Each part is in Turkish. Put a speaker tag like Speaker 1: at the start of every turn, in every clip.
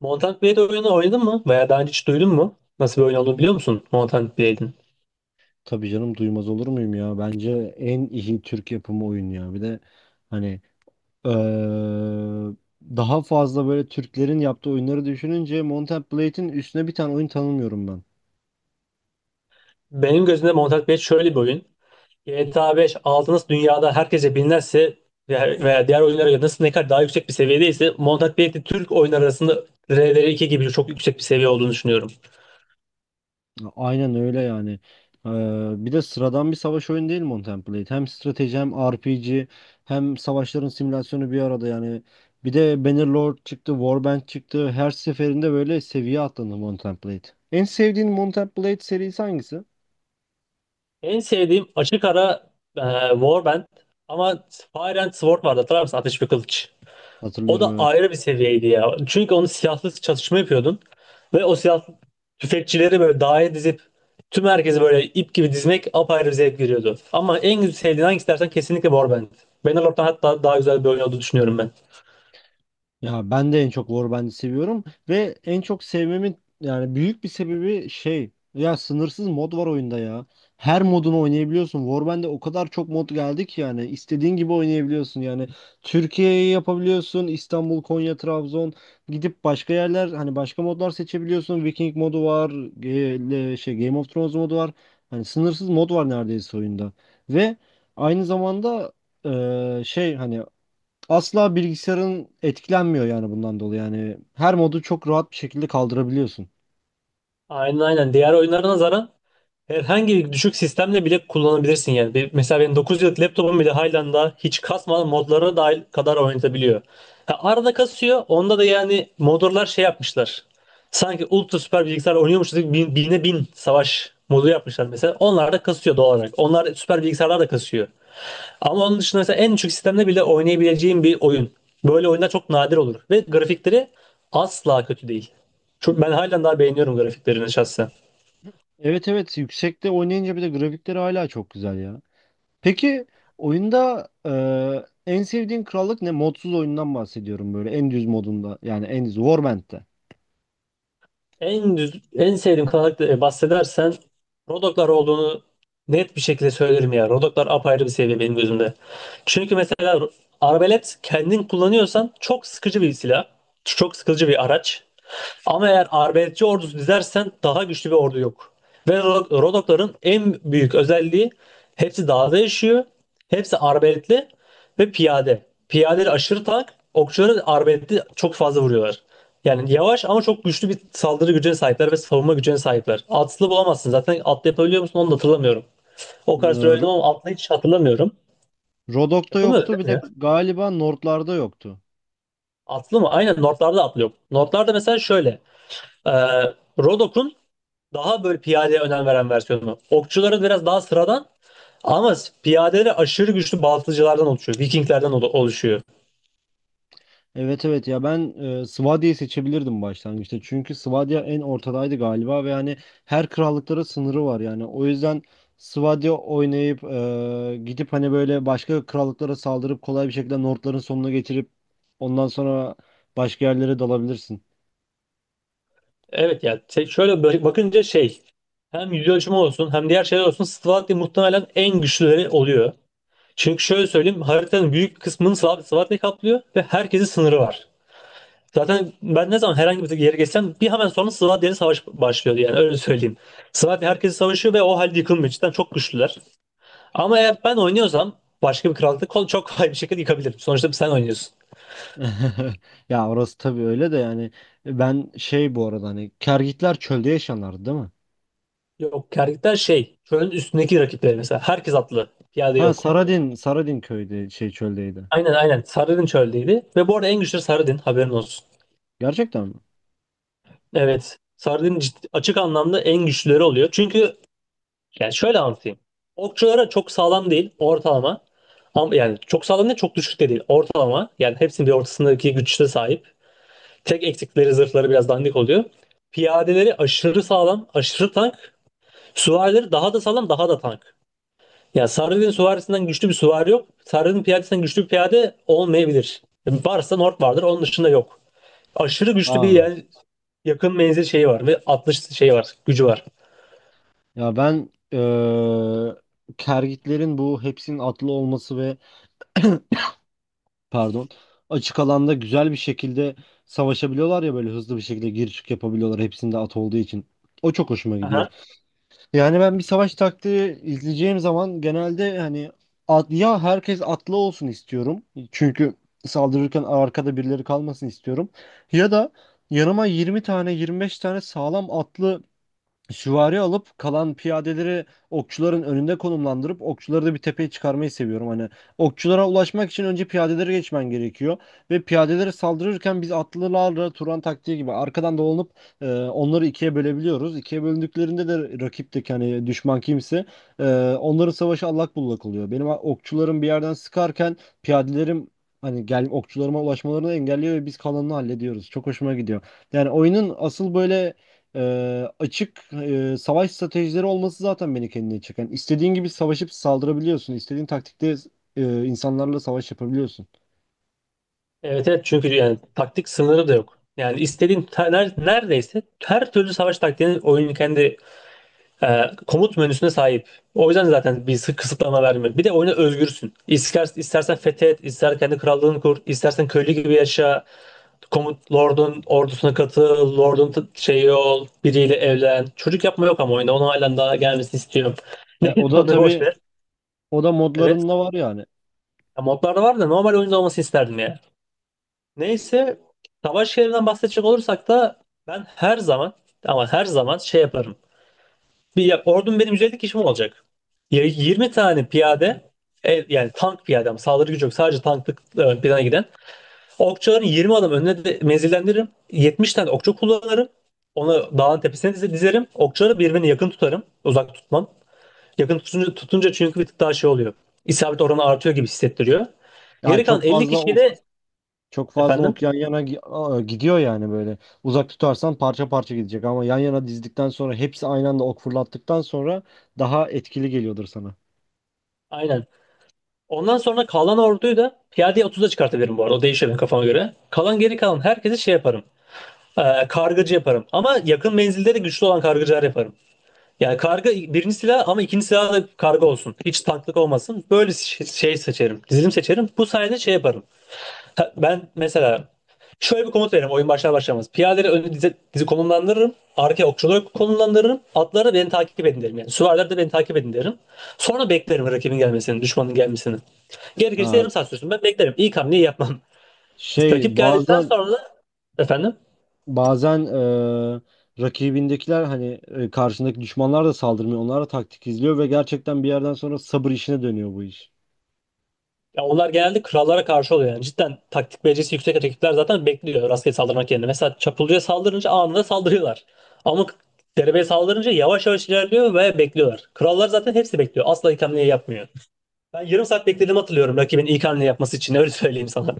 Speaker 1: Mountain Blade oyunu oynadın mı? Veya daha önce hiç duydun mu? Nasıl bir oyun olduğunu biliyor musun Mountain Blade'in?
Speaker 2: Tabii canım, duymaz olur muyum ya? Bence en iyi Türk yapımı oyun ya. Bir de hani eee, daha fazla böyle Türklerin yaptığı oyunları düşününce Mount Blade'in üstüne bir tane oyun tanımıyorum ben.
Speaker 1: Benim gözümde Mountain Blade şöyle bir oyun. GTA 5 aldığınız dünyada herkese bilinirse veya diğer oyunlara göre nasıl ne kadar daha yüksek bir seviyedeyse Mountain Blade de Türk oyunlar arasında rdr iki gibi çok yüksek bir seviye olduğunu düşünüyorum.
Speaker 2: Aynen öyle yani. Bir de sıradan bir savaş oyunu değil Mount Blade. Hem strateji hem RPG hem savaşların simülasyonu bir arada yani. Bir de Bannerlord çıktı, Warband çıktı. Her seferinde böyle seviye atladı Mount Blade. En sevdiğin Mount Blade serisi hangisi?
Speaker 1: En sevdiğim açık ara e, Warband, ama Fire and Sword vardı, hatırlar mısın? Ateş ve Kılıç. O
Speaker 2: Hatırlıyorum,
Speaker 1: da
Speaker 2: evet.
Speaker 1: ayrı bir seviyeydi ya. Çünkü onu silahsız çatışma yapıyordun. Ve o silahlı tüfekçileri böyle daire dizip tüm herkesi böyle ip gibi dizmek apayrı bir zevk veriyordu. Ama en güzel sevdiğin hangisi dersen kesinlikle Warband. Bannerlord'dan hatta daha güzel bir oyun olduğunu düşünüyorum ben.
Speaker 2: Ya ben de en çok Warband'i seviyorum ve en çok sevmemin yani büyük bir sebebi şey ya, sınırsız mod var oyunda ya. Her modunu oynayabiliyorsun. Warband'de o kadar çok mod geldi ki yani istediğin gibi oynayabiliyorsun. Yani Türkiye'yi yapabiliyorsun. İstanbul, Konya, Trabzon, gidip başka yerler hani başka modlar seçebiliyorsun. Viking modu var. Şey, Game of Thrones modu var. Hani sınırsız mod var neredeyse oyunda. Ve aynı zamanda şey hani asla bilgisayarın etkilenmiyor yani bundan dolayı. Yani her modu çok rahat bir şekilde kaldırabiliyorsun.
Speaker 1: Aynen aynen. Diğer oyunlara nazaran herhangi bir düşük sistemle bile kullanabilirsin yani. Mesela benim 9 yıllık laptopum bile Highland'da hiç kasmadan modlara dahil kadar oynatabiliyor. Ha, arada kasıyor. Onda da yani modlar şey yapmışlar. Sanki ultra süper bilgisayar oynuyormuşuz gibi bin, bine bin savaş modu yapmışlar mesela. Onlar da kasıyor doğal olarak. Onlar süper bilgisayarlar da kasıyor. Ama onun dışında mesela en düşük sistemde bile oynayabileceğim bir oyun. Böyle oyunlar çok nadir olur. Ve grafikleri asla kötü değil. Çok, ben halen daha beğeniyorum grafiklerini şahsen.
Speaker 2: Evet, evet, yüksekte oynayınca bir de grafikleri hala çok güzel ya. Peki oyunda en sevdiğin krallık ne? Modsuz oyundan bahsediyorum, böyle en düz modunda, yani en düz Warband'de.
Speaker 1: En düz, en sevdiğim kanalda bahsedersen Rodoklar olduğunu net bir şekilde söylerim ya. Rodoklar apayrı bir seviye benim gözümde. Çünkü mesela arbelet kendin kullanıyorsan çok sıkıcı bir silah. Çok sıkıcı bir araç. Ama eğer arbeletçi ordusu dizersen daha güçlü bir ordu yok. Ve Rodokların en büyük özelliği hepsi dağda yaşıyor. Hepsi arbeletli ve piyade. Piyadeleri aşırı tank. Okçuları arbaletli çok fazla vuruyorlar. Yani yavaş ama çok güçlü bir saldırı gücüne sahipler ve savunma gücüne sahipler. Atlı bulamazsın. Zaten atlı yapabiliyor musun onu da hatırlamıyorum. O
Speaker 2: E,
Speaker 1: kadar süre oynadım
Speaker 2: Ro-
Speaker 1: ama atlı hiç hatırlamıyorum.
Speaker 2: Rodok'ta
Speaker 1: Yapılmıyor
Speaker 2: yoktu,
Speaker 1: değil
Speaker 2: bir
Speaker 1: mi
Speaker 2: de
Speaker 1: ya?
Speaker 2: galiba Nord'larda yoktu.
Speaker 1: Atlı mı? Aynen, Nordlarda atlı yok. Nordlarda mesela şöyle. E, Rodok'un daha böyle piyadeye önem veren versiyonu. Okçuların biraz daha sıradan ama piyadeleri aşırı güçlü baltacılardan oluşuyor. Vikinglerden oluşuyor.
Speaker 2: Evet evet, ya ben Swadia'yı seçebilirdim başlangıçta. Çünkü Swadia en ortadaydı galiba ve yani her krallıklara sınırı var yani. O yüzden Swadia oynayıp gidip hani böyle başka krallıklara saldırıp kolay bir şekilde Nordların sonuna getirip ondan sonra başka yerlere dalabilirsin.
Speaker 1: Evet ya, şöyle böyle bakınca şey, hem yüz ölçümü olsun hem diğer şeyler olsun Slavakya muhtemelen en güçlüleri oluyor. Çünkü şöyle söyleyeyim, haritanın büyük kısmını Slavakya kaplıyor ve herkesin sınırı var. Zaten ben ne zaman herhangi bir yere geçsem bir hemen sonra Slavakya savaş başlıyor yani öyle söyleyeyim. Slavakya herkesi savaşıyor ve o halde yıkılmıyor. Cidden çok güçlüler. Ama eğer ben oynuyorsam başka bir krallıkta kol çok kolay bir şekilde yıkabilirim. Sonuçta sen oynuyorsun.
Speaker 2: Ya orası tabii öyle de, yani ben şey, bu arada hani Kergitler çölde yaşanlardı değil mi?
Speaker 1: Yok, kerkükler şey çölün üstündeki rakipleri, mesela herkes atlı, piyade
Speaker 2: Ha,
Speaker 1: yok.
Speaker 2: Saradin, Saradin köyde şey çöldeydi.
Speaker 1: Aynen aynen. Sarıdin çöldeydi. Ve bu arada en güçlü Sarıdin, haberin olsun.
Speaker 2: Gerçekten mi?
Speaker 1: Evet. Açık anlamda en güçlüleri oluyor. Çünkü yani şöyle anlatayım. Okçulara çok sağlam değil, ortalama. Ama yani çok sağlam değil, çok düşük de değil, ortalama. Yani hepsinin bir ortasındaki güçte sahip. Tek eksikleri zırhları biraz dandik oluyor. Piyadeleri aşırı sağlam, aşırı tank. Süvarileri daha da sağlam, daha da tank. Yani Sarıdin süvarisinden güçlü bir süvari yok. Sarıdin piyadesinden güçlü bir piyade olmayabilir. Varsa Nord vardır, onun dışında yok. Aşırı güçlü bir
Speaker 2: Aa.
Speaker 1: yel yakın menzil şeyi var ve atış şeyi var, gücü var.
Speaker 2: Ya ben kergitlerin bu hepsinin atlı olması ve pardon, açık alanda güzel bir şekilde savaşabiliyorlar ya, böyle hızlı bir şekilde gir çık yapabiliyorlar hepsinde at olduğu için. O çok hoşuma gidiyor.
Speaker 1: Aha.
Speaker 2: Yani ben bir savaş taktiği izleyeceğim zaman genelde hani at, ya herkes atlı olsun istiyorum. Çünkü saldırırken arkada birileri kalmasın istiyorum. Ya da yanıma 20 tane 25 tane sağlam atlı süvari alıp kalan piyadeleri okçuların önünde konumlandırıp okçuları da bir tepeye çıkarmayı seviyorum. Hani okçulara ulaşmak için önce piyadeleri geçmen gerekiyor ve piyadeleri saldırırken biz atlılarla Turan taktiği gibi arkadan dolanıp onları ikiye bölebiliyoruz. İkiye bölündüklerinde de rakipteki hani düşman kimse, e, onların savaşı allak bullak oluyor. Benim okçularım bir yerden sıkarken piyadelerim hani gel okçularıma ulaşmalarını engelliyor ve biz kalanını hallediyoruz. Çok hoşuma gidiyor. Yani oyunun asıl böyle açık savaş stratejileri olması zaten beni kendine çeken. İstediğin gibi savaşıp saldırabiliyorsun. İstediğin taktikte insanlarla savaş yapabiliyorsun.
Speaker 1: Evet evet, çünkü yani taktik sınırı da yok. Yani neredeyse her türlü savaş taktiğinin oyunun kendi komut menüsüne sahip. O yüzden zaten kısıtlama vermiyor. Bir de oyuna özgürsün. İster, istersen fethet, ister kendi krallığını kur, istersen köylü gibi yaşa, komut lordun ordusuna katıl, şeyi ol, biriyle evlen. Çocuk yapma yok ama oyunda. Onu halen daha gelmesini istiyorum. Neyse,
Speaker 2: O da
Speaker 1: onu boş
Speaker 2: tabii
Speaker 1: ver.
Speaker 2: o da
Speaker 1: Evet.
Speaker 2: modlarında var yani.
Speaker 1: Ya, modlarda var da normal oyunda olması isterdim ya. Neyse, savaş şehrinden bahsedecek olursak da ben her zaman, ama her zaman şey yaparım. Bir ya, ordum benim 150 kişi mi olacak? Ya 20 tane piyade, yani tank piyade ama saldırı gücü yok, sadece tanklık, plana giden. Okçuların 20 adam önüne de menzillendiririm. 70 tane okçu kullanırım. Onu dağın tepesine dizerim. Okçuları birbirine yakın tutarım. Uzak tutmam. Yakın tutunca, çünkü bir tık daha şey oluyor. İsabet oranı artıyor gibi hissettiriyor.
Speaker 2: Yani
Speaker 1: Geri kalan 50 kişiyi de
Speaker 2: çok fazla
Speaker 1: efendim?
Speaker 2: ok yan yana gidiyor yani böyle. Uzak tutarsan parça parça gidecek, ama yan yana dizdikten sonra hepsi aynı anda ok fırlattıktan sonra daha etkili geliyordur sana.
Speaker 1: Aynen. Ondan sonra kalan orduyu da piyadeye 30'a çıkartabilirim bu arada. O değişiyor benim kafama göre. Kalan geri kalan herkesi şey yaparım. Kargıcı yaparım. Ama yakın menzilde de güçlü olan kargıcılar yaparım. Yani karga birinci silah ama ikinci silah da karga olsun. Hiç tanklık olmasın. Böyle şey, şey seçerim. Dizilim seçerim. Bu sayede şey yaparım. Ben mesela şöyle bir komut veririm oyun başlar başlamaz. Piyadeleri önü dizi, dizi konumlandırırım. Arkaya okçuları konumlandırırım. Atları beni takip edin derim yani. Süvariler de beni takip edin derim. Sonra beklerim rakibin gelmesini, düşmanın gelmesini. Gerekirse
Speaker 2: Ha,
Speaker 1: yarım saat sürsün, ben beklerim. İlk hamleyi yapmam. Rakip
Speaker 2: şey
Speaker 1: geldikten
Speaker 2: bazen,
Speaker 1: sonra efendim.
Speaker 2: bazen rakibindekiler hani karşındaki düşmanlar da saldırmıyor. Onlar da taktik izliyor ve gerçekten bir yerden sonra sabır işine dönüyor bu iş.
Speaker 1: Ya onlar genelde krallara karşı oluyor yani. Cidden taktik becerisi yüksek rakipler zaten bekliyor rastgele saldırmak yerine. Mesela Çapulcu'ya saldırınca anında saldırıyorlar. Ama derebeye saldırınca yavaş yavaş ilerliyor ve bekliyorlar. Krallar zaten hepsi bekliyor. Asla ilk hamleyi yapmıyor. Ben yarım saat beklediğimi hatırlıyorum rakibin ilk hamle yapması için. Öyle söyleyeyim sana.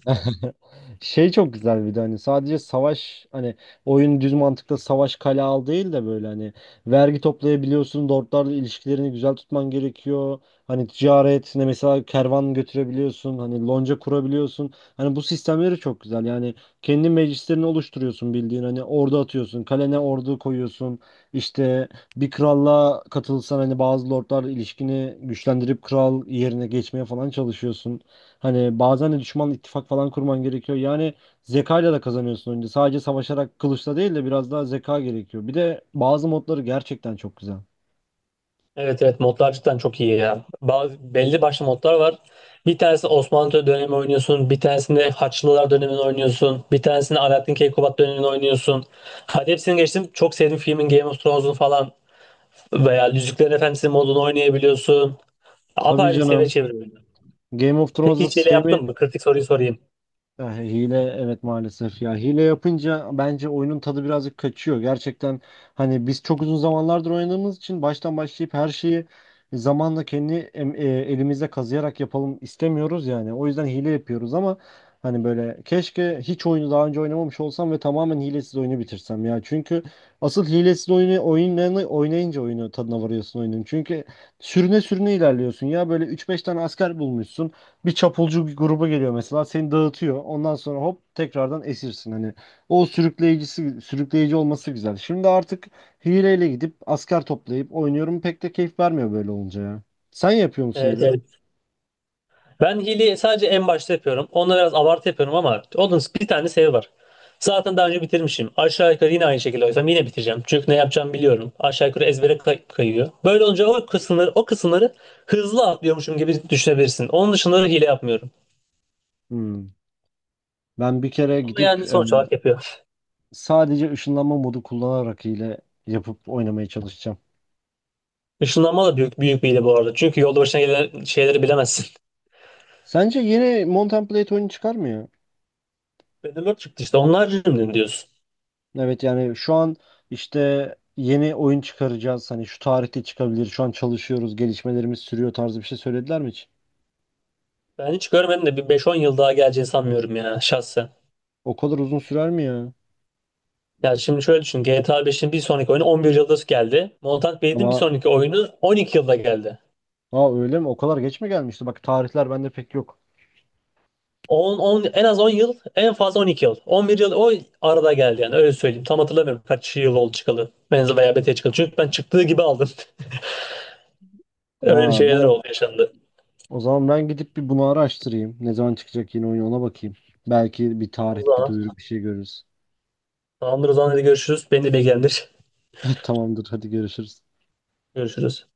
Speaker 2: Şey çok güzel, bir de hani sadece savaş hani oyun düz mantıkta savaş kale al değil de böyle hani vergi toplayabiliyorsun, lordlarla ilişkilerini güzel tutman gerekiyor. Hani ticaret ne mesela, kervan götürebiliyorsun, hani lonca kurabiliyorsun. Hani bu sistemleri çok güzel. Yani kendi meclislerini oluşturuyorsun bildiğin, hani ordu atıyorsun, kalene ordu koyuyorsun. İşte bir kralla katılsan hani bazı lordlarla ilişkini güçlendirip kral yerine geçmeye falan çalışıyorsun. Hani bazen de düşmanla ittifak falan kurman gerekiyor. Yani zekayla da kazanıyorsun önce. Sadece savaşarak kılıçla değil de biraz daha zeka gerekiyor. Bir de bazı modları gerçekten çok güzel.
Speaker 1: Evet evet, modlar cidden çok iyi ya. Bazı, belli başlı modlar var. Bir tanesi Osmanlı dönemi oynuyorsun. Bir tanesinde Haçlılar dönemini oynuyorsun. Bir tanesinde Alaaddin Keykubat dönemini oynuyorsun. Hadi hepsini geçtim. Çok sevdiğim filmin Game of Thrones'un falan. Veya Yüzüklerin Efendisi modunu oynayabiliyorsun.
Speaker 2: Tabii
Speaker 1: Apayrı bir seviye
Speaker 2: canım.
Speaker 1: çevirmeli.
Speaker 2: Game of
Speaker 1: Peki
Speaker 2: Thrones'da
Speaker 1: hiç hile
Speaker 2: sevme.
Speaker 1: yaptın mı? Kritik soruyu sorayım.
Speaker 2: Ya hile, evet maalesef ya, hile yapınca bence oyunun tadı birazcık kaçıyor. Gerçekten hani biz çok uzun zamanlardır oynadığımız için baştan başlayıp her şeyi zamanla kendi elimizde kazıyarak yapalım istemiyoruz yani. O yüzden hile yapıyoruz, ama hani böyle keşke hiç oyunu daha önce oynamamış olsam ve tamamen hilesiz oyunu bitirsem ya. Çünkü asıl hilesiz oyunlarını oynayınca oyunu tadına varıyorsun oyunun. Çünkü sürüne sürüne ilerliyorsun ya, böyle üç beş tane asker bulmuşsun, bir çapulcu bir gruba geliyor mesela, seni dağıtıyor. Ondan sonra hop, tekrardan esirsin. Hani o sürükleyici olması güzel. Şimdi artık hileyle gidip asker toplayıp oynuyorum. Pek de keyif vermiyor böyle olunca ya. Sen yapıyor musun
Speaker 1: Evet,
Speaker 2: hile?
Speaker 1: evet. Ben hileyi sadece en başta yapıyorum. Onunla biraz abartı yapıyorum ama onun bir tane sebebi var. Zaten daha önce bitirmişim. Aşağı yukarı yine aynı şekilde oysam yine bitireceğim. Çünkü ne yapacağımı biliyorum. Aşağı yukarı ezbere kayıyor. Böyle olunca o kısımları hızlı atlıyormuşum gibi düşünebilirsin. Onun dışında da hile yapmıyorum.
Speaker 2: Hmm. Ben bir kere
Speaker 1: Ama
Speaker 2: gidip
Speaker 1: yani sonuç olarak yapıyor.
Speaker 2: sadece ışınlanma modu kullanarak hile yapıp oynamaya çalışacağım.
Speaker 1: Işınlanma da büyük, bir hile bu arada. Çünkü yolda başına gelen şeyleri bilemezsin.
Speaker 2: Sence yeni Mount and Blade oyunu çıkar mı ya?
Speaker 1: Battlelord çıktı işte. Onlar cümle diyorsun.
Speaker 2: Evet, yani şu an işte yeni oyun çıkaracağız, hani şu tarihte çıkabilir, şu an çalışıyoruz, gelişmelerimiz sürüyor tarzı bir şey söylediler mi hiç?
Speaker 1: Ben hiç görmedim de bir beş on yıl daha geleceğini sanmıyorum ya şahsen.
Speaker 2: O kadar uzun sürer mi ya?
Speaker 1: Yani şimdi şöyle düşün. GTA 5'in bir sonraki oyunu 11 yılda geldi. Mountain Blade'in bir
Speaker 2: Ama
Speaker 1: sonraki oyunu 12 yılda geldi.
Speaker 2: ha, öyle mi? O kadar geç mi gelmişti? Bak tarihler bende pek yok.
Speaker 1: 10, en az 10 yıl, en fazla 12 yıl. 11 yıl o arada geldi yani öyle söyleyeyim. Tam hatırlamıyorum kaç yıl oldu çıkalı. Benzi veya BT çıkalı. Çünkü ben çıktığı gibi aldım. Öyle bir
Speaker 2: Aa, ben
Speaker 1: şeyler oldu, yaşandı.
Speaker 2: o zaman, gidip bir bunu araştırayım, ne zaman çıkacak yeni oyun ona bakayım. Belki bir
Speaker 1: Tamam o
Speaker 2: tarih, bir
Speaker 1: zaman.
Speaker 2: duyuru, bir şey görürüz.
Speaker 1: Tamamdır o zaman, hadi görüşürüz. Beni de bilgilendir.
Speaker 2: Tamamdır. Hadi görüşürüz.
Speaker 1: Görüşürüz.